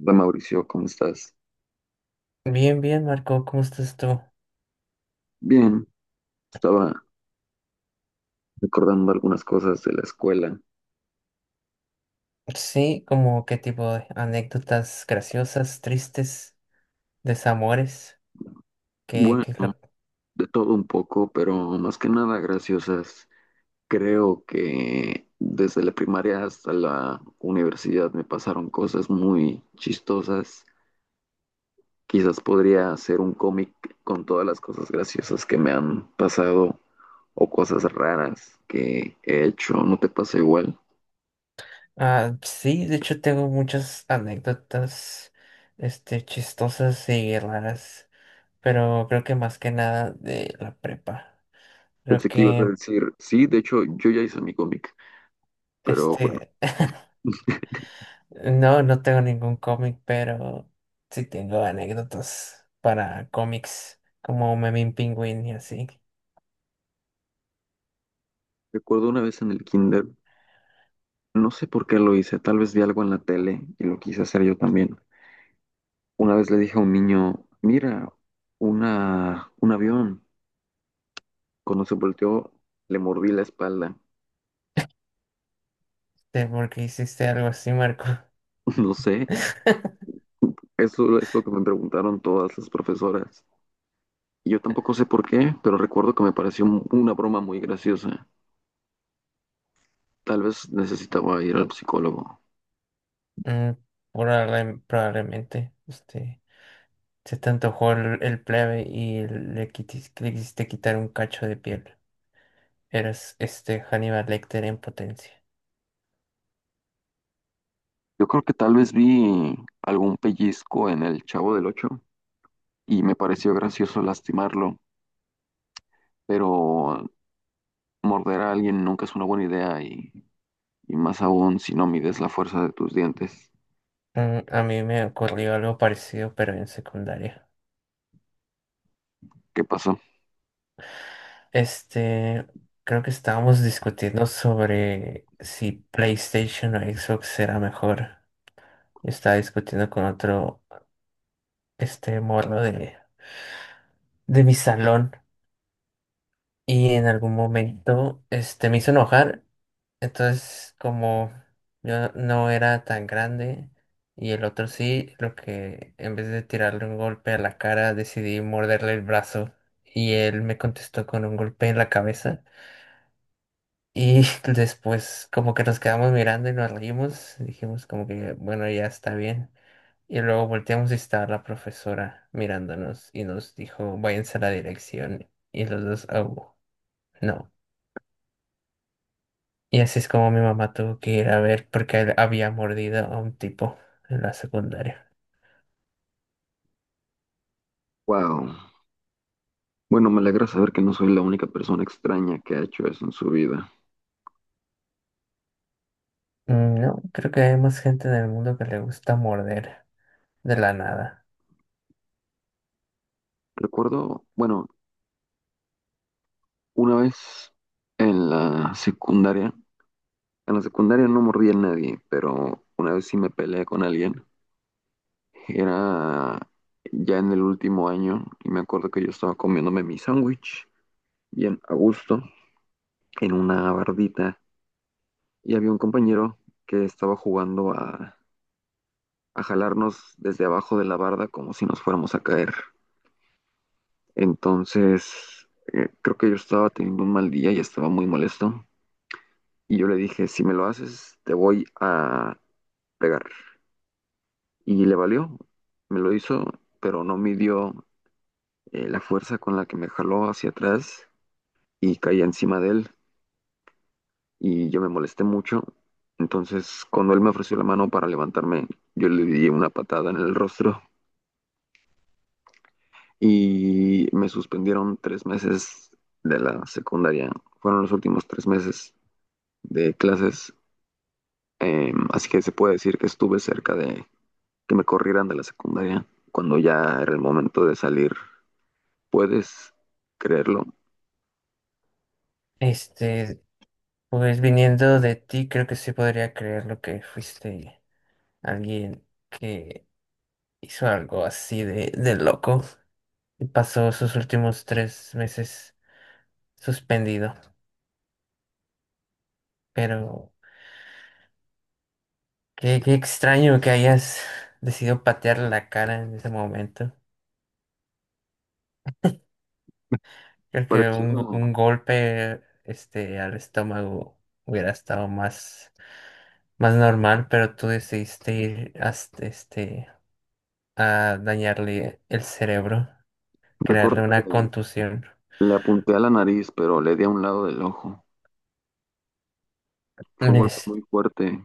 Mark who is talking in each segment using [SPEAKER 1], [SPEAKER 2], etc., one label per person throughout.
[SPEAKER 1] Hola Mauricio, ¿cómo estás?
[SPEAKER 2] Bien, bien, Marco, ¿cómo estás tú?
[SPEAKER 1] Bien, estaba recordando algunas cosas de la escuela.
[SPEAKER 2] Sí, como qué tipo de anécdotas graciosas, tristes, desamores, que,
[SPEAKER 1] Bueno,
[SPEAKER 2] que lo-
[SPEAKER 1] de todo un poco, pero más que nada graciosas. Creo que desde la primaria hasta la universidad me pasaron cosas muy chistosas. Quizás podría hacer un cómic con todas las cosas graciosas que me han pasado o cosas raras que he hecho. ¿No te pasa igual?
[SPEAKER 2] Ah, sí, de hecho tengo muchas anécdotas, este, chistosas y raras, pero creo que más que nada de la prepa. Creo
[SPEAKER 1] Pensé que ibas a
[SPEAKER 2] que,
[SPEAKER 1] decir, sí, de hecho yo ya hice mi cómic. Pero bueno.
[SPEAKER 2] este, no tengo ningún cómic, pero sí tengo anécdotas para cómics, como Memín Pingüín y así.
[SPEAKER 1] Recuerdo una vez en el kinder, no sé por qué lo hice, tal vez vi algo en la tele y lo quise hacer yo también. Una vez le dije a un niño, mira, un avión. Cuando se volteó, le mordí la espalda.
[SPEAKER 2] ¿De por qué hiciste algo así, Marco?
[SPEAKER 1] No sé, eso es lo que me preguntaron todas las profesoras. Y yo tampoco sé por qué, pero recuerdo que me pareció una broma muy graciosa. Tal vez necesitaba ir al psicólogo.
[SPEAKER 2] Mm, probablemente, este, se te antojó el plebe y le quisiste quitar un cacho de piel. Eras este Hannibal Lecter en potencia.
[SPEAKER 1] Yo creo que tal vez vi algún pellizco en el Chavo del Ocho y me pareció gracioso lastimarlo. Pero morder a alguien nunca es una buena idea y más aún si no mides la fuerza de tus dientes.
[SPEAKER 2] Mm, a mí me ocurrió algo parecido, pero en secundaria.
[SPEAKER 1] ¿Qué pasó?
[SPEAKER 2] Este, creo que estábamos discutiendo sobre si PlayStation o Xbox era mejor. Yo estaba discutiendo con otro, este, morro de mi salón, y en algún momento este, me hizo enojar. Entonces, como yo no era tan grande y el otro sí, lo que en vez de tirarle un golpe a la cara, decidí morderle el brazo y él me contestó con un golpe en la cabeza. Y después como que nos quedamos mirando y nos reímos, dijimos como que bueno, ya está bien. Y luego volteamos y estaba la profesora mirándonos y nos dijo, váyanse a la dirección. Y los dos, oh, no. Y así es como mi mamá tuvo que ir a ver porque él había mordido a un tipo en la secundaria.
[SPEAKER 1] Wow. Bueno, me alegra saber que no soy la única persona extraña que ha hecho eso en su vida.
[SPEAKER 2] Mm, no, creo que hay más gente en el mundo que le gusta morder de la nada.
[SPEAKER 1] Recuerdo, bueno, una vez en la secundaria, en la secundaria no mordí a nadie, pero una vez sí me peleé con alguien. Era ya en el último año y me acuerdo que yo estaba comiéndome mi sándwich bien a gusto en una bardita y había un compañero que estaba jugando a jalarnos desde abajo de la barda como si nos fuéramos a caer. Entonces, creo que yo estaba teniendo un mal día y estaba muy molesto. Y yo le dije, si me lo haces, te voy a pegar. Y le valió, me lo hizo, pero no midió la fuerza con la que me jaló hacia atrás y caí encima de él. Y yo me molesté mucho. Entonces, cuando él me ofreció la mano para levantarme, yo le di una patada en el rostro y me suspendieron tres meses de la secundaria. Fueron los últimos tres meses de clases, así que se puede decir que estuve cerca de que me corrieran de la secundaria cuando ya era el momento de salir. ¿Puedes creerlo?
[SPEAKER 2] Este, pues viniendo de ti, creo que sí podría creer lo que fuiste alguien que hizo algo así de loco y pasó sus últimos 3 meses suspendido. Pero qué, qué extraño que hayas decidido patear la cara en ese momento. Creo que
[SPEAKER 1] Pareció,
[SPEAKER 2] un golpe este, al estómago hubiera estado más, más normal, pero tú decidiste ir hasta, este, a dañarle el cerebro, crearle
[SPEAKER 1] recuerdo
[SPEAKER 2] una
[SPEAKER 1] que
[SPEAKER 2] contusión.
[SPEAKER 1] le apunté a la nariz, pero le di a un lado del ojo. Fue un golpe
[SPEAKER 2] Es-
[SPEAKER 1] muy fuerte.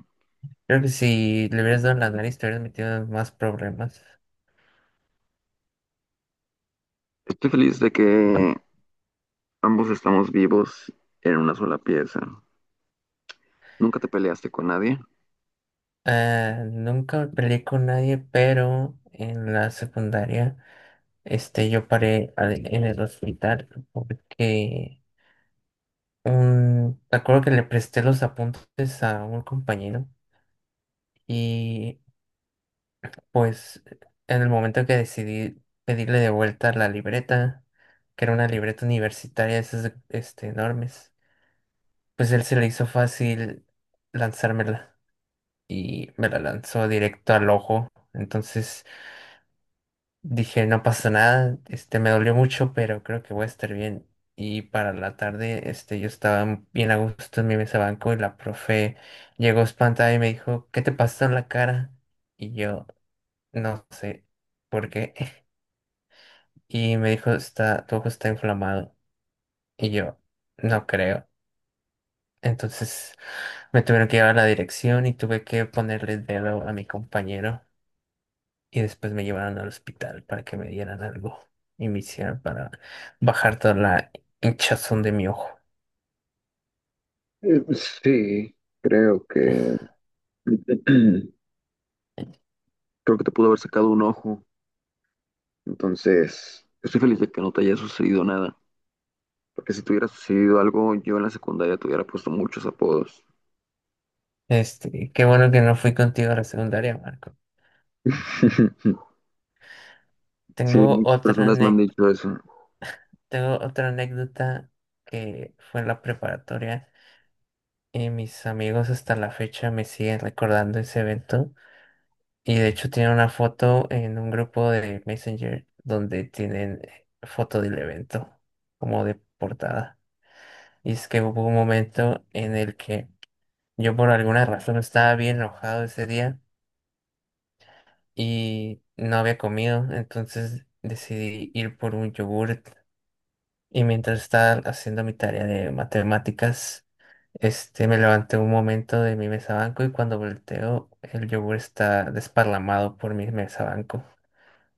[SPEAKER 2] creo que si le hubieras dado en la nariz, te hubieras metido en más problemas.
[SPEAKER 1] Estoy feliz de que ambos estamos vivos en una sola pieza. ¿Nunca te peleaste con nadie?
[SPEAKER 2] Ah, nunca me peleé con nadie, pero en la secundaria este, yo en el hospital porque un, me acuerdo que le presté los apuntes a un compañero y pues en el momento que decidí pedirle de vuelta la libreta, que era una libreta universitaria, este, enormes, pues él se le hizo fácil lanzármela y me la lanzó directo al ojo. Entonces dije, no pasa nada, este me dolió mucho, pero creo que voy a estar bien. Y para la tarde, este, yo estaba bien a gusto en mi mesa banco y la profe llegó espantada y me dijo, ¿qué te pasó en la cara? Y yo, no sé por qué. Y me dijo, está, tu ojo está inflamado. Y yo, no creo. Entonces me tuvieron que llevar a la dirección y tuve que ponerle el dedo a mi compañero, y después me llevaron al hospital para que me dieran algo y me hicieran para bajar toda la hinchazón de mi ojo.
[SPEAKER 1] Sí, creo que creo que te pudo haber sacado un ojo. Entonces, estoy feliz de que no te haya sucedido nada. Porque si te hubiera sucedido algo, yo en la secundaria te hubiera puesto muchos apodos.
[SPEAKER 2] Este, qué bueno que no fui contigo a la secundaria, Marco.
[SPEAKER 1] Sí,
[SPEAKER 2] Tengo
[SPEAKER 1] muchas
[SPEAKER 2] otra
[SPEAKER 1] personas me han
[SPEAKER 2] ane
[SPEAKER 1] dicho eso.
[SPEAKER 2] tengo otra anécdota que fue en la preparatoria y mis amigos hasta la fecha me siguen recordando ese evento y de hecho tienen una foto en un grupo de Messenger donde tienen foto del evento como de portada. Y es que hubo un momento en el que yo por alguna razón estaba bien enojado ese día y no había comido, entonces decidí ir por un yogurt. Y mientras estaba haciendo mi tarea de matemáticas, este, me levanté un momento de mi mesa banco y cuando volteo el yogur está desparlamado por mi mesa banco.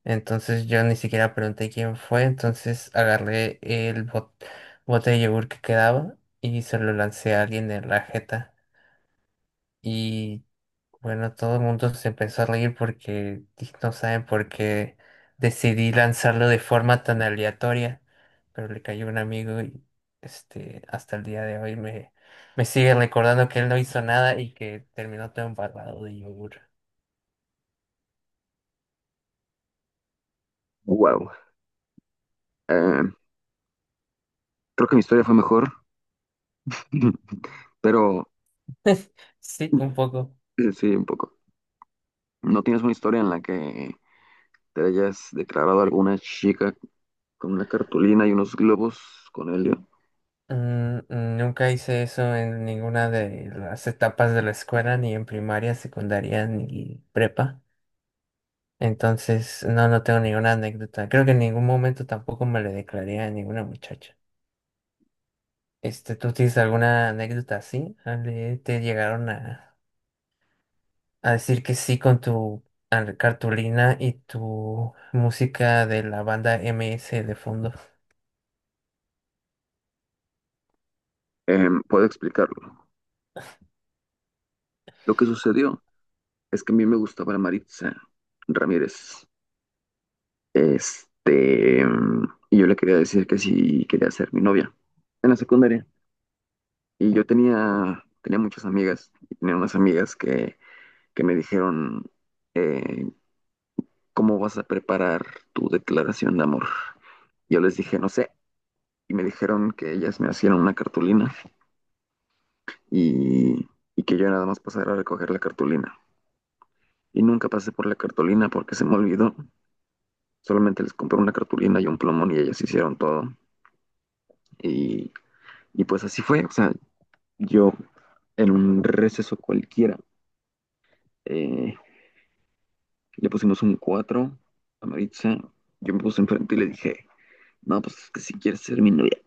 [SPEAKER 2] Entonces yo ni siquiera pregunté quién fue, entonces agarré bote de yogur que quedaba y se lo lancé a alguien en la jeta. Y bueno, todo el mundo se empezó a reír porque no saben por qué decidí lanzarlo de forma tan aleatoria, pero le cayó un amigo y este, hasta el día de hoy me sigue recordando que él no hizo nada y que terminó todo embarrado de yogur.
[SPEAKER 1] Wow. Eh, creo que mi historia fue mejor, pero
[SPEAKER 2] Sí, un poco.
[SPEAKER 1] sí, un poco. ¿No tienes una historia en la que te hayas declarado a alguna chica con una cartulina y unos globos con helio?
[SPEAKER 2] Mm, nunca hice eso en ninguna de las etapas de la escuela, ni en primaria, secundaria, ni prepa. Entonces, no, no tengo ninguna anécdota. Creo que en ningún momento tampoco me le declaré a ninguna muchacha. Este, ¿tú tienes alguna anécdota así? Ale, ¿te llegaron a decir que sí con tu cartulina y tu música de la banda MS de fondo?
[SPEAKER 1] Puedo explicarlo. Lo que sucedió. Es que a mí me gustaba la Maritza Ramírez. Este, mm, y yo le quería decir que sí quería ser mi novia en la secundaria. Y yo tenía muchas amigas, y tenía unas amigas que me dijeron, eh, ¿cómo vas a preparar tu declaración de amor? Yo les dije, no sé, y me dijeron que ellas me hacían una cartulina y, y que yo nada más pasara a recoger la cartulina. Y nunca pasé por la cartulina porque se me olvidó. Solamente les compré una cartulina y un plumón y ellas hicieron todo. Y, y pues así fue. O sea, yo en un receso cualquiera eh, le pusimos un 4 a Maritza. Yo me puse enfrente y le dije, no, pues es que si quieres ser mi novia.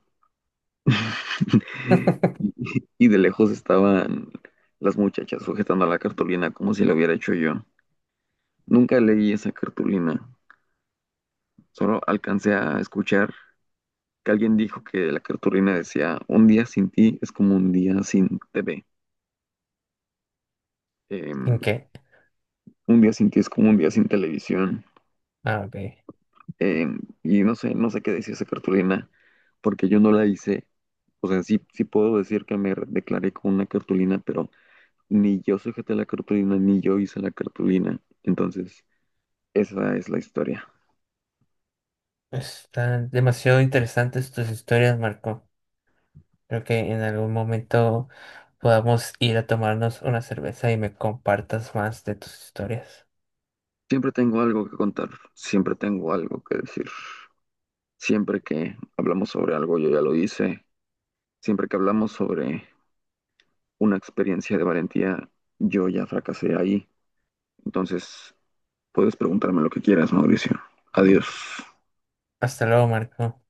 [SPEAKER 1] Y, y de lejos estaban las muchachas sujetando la cartulina como si la hubiera hecho yo. Nunca leí esa cartulina, solo alcancé a escuchar que alguien dijo que la cartulina decía, un día sin ti es como un día sin TV,
[SPEAKER 2] ¿En
[SPEAKER 1] em,
[SPEAKER 2] qué?
[SPEAKER 1] un día sin ti es como un día sin televisión,
[SPEAKER 2] Ah, ok.
[SPEAKER 1] y no sé, no sé qué decía esa cartulina, porque yo no la hice, o sea, sí, sí puedo decir que me declaré con una cartulina, pero ni yo sujeté la cartulina, ni yo hice la cartulina, entonces esa es la historia.
[SPEAKER 2] Están demasiado interesantes tus historias, Marco. Creo que en algún momento podamos ir a tomarnos una cerveza y me compartas más de tus historias.
[SPEAKER 1] Siempre tengo algo que contar, siempre tengo algo que decir. Siempre que hablamos sobre algo, yo ya lo hice. Siempre que hablamos sobre una experiencia de valentía, yo ya fracasé ahí. Entonces, puedes preguntarme lo que quieras, Mauricio. Adiós.
[SPEAKER 2] Hasta luego, Marco.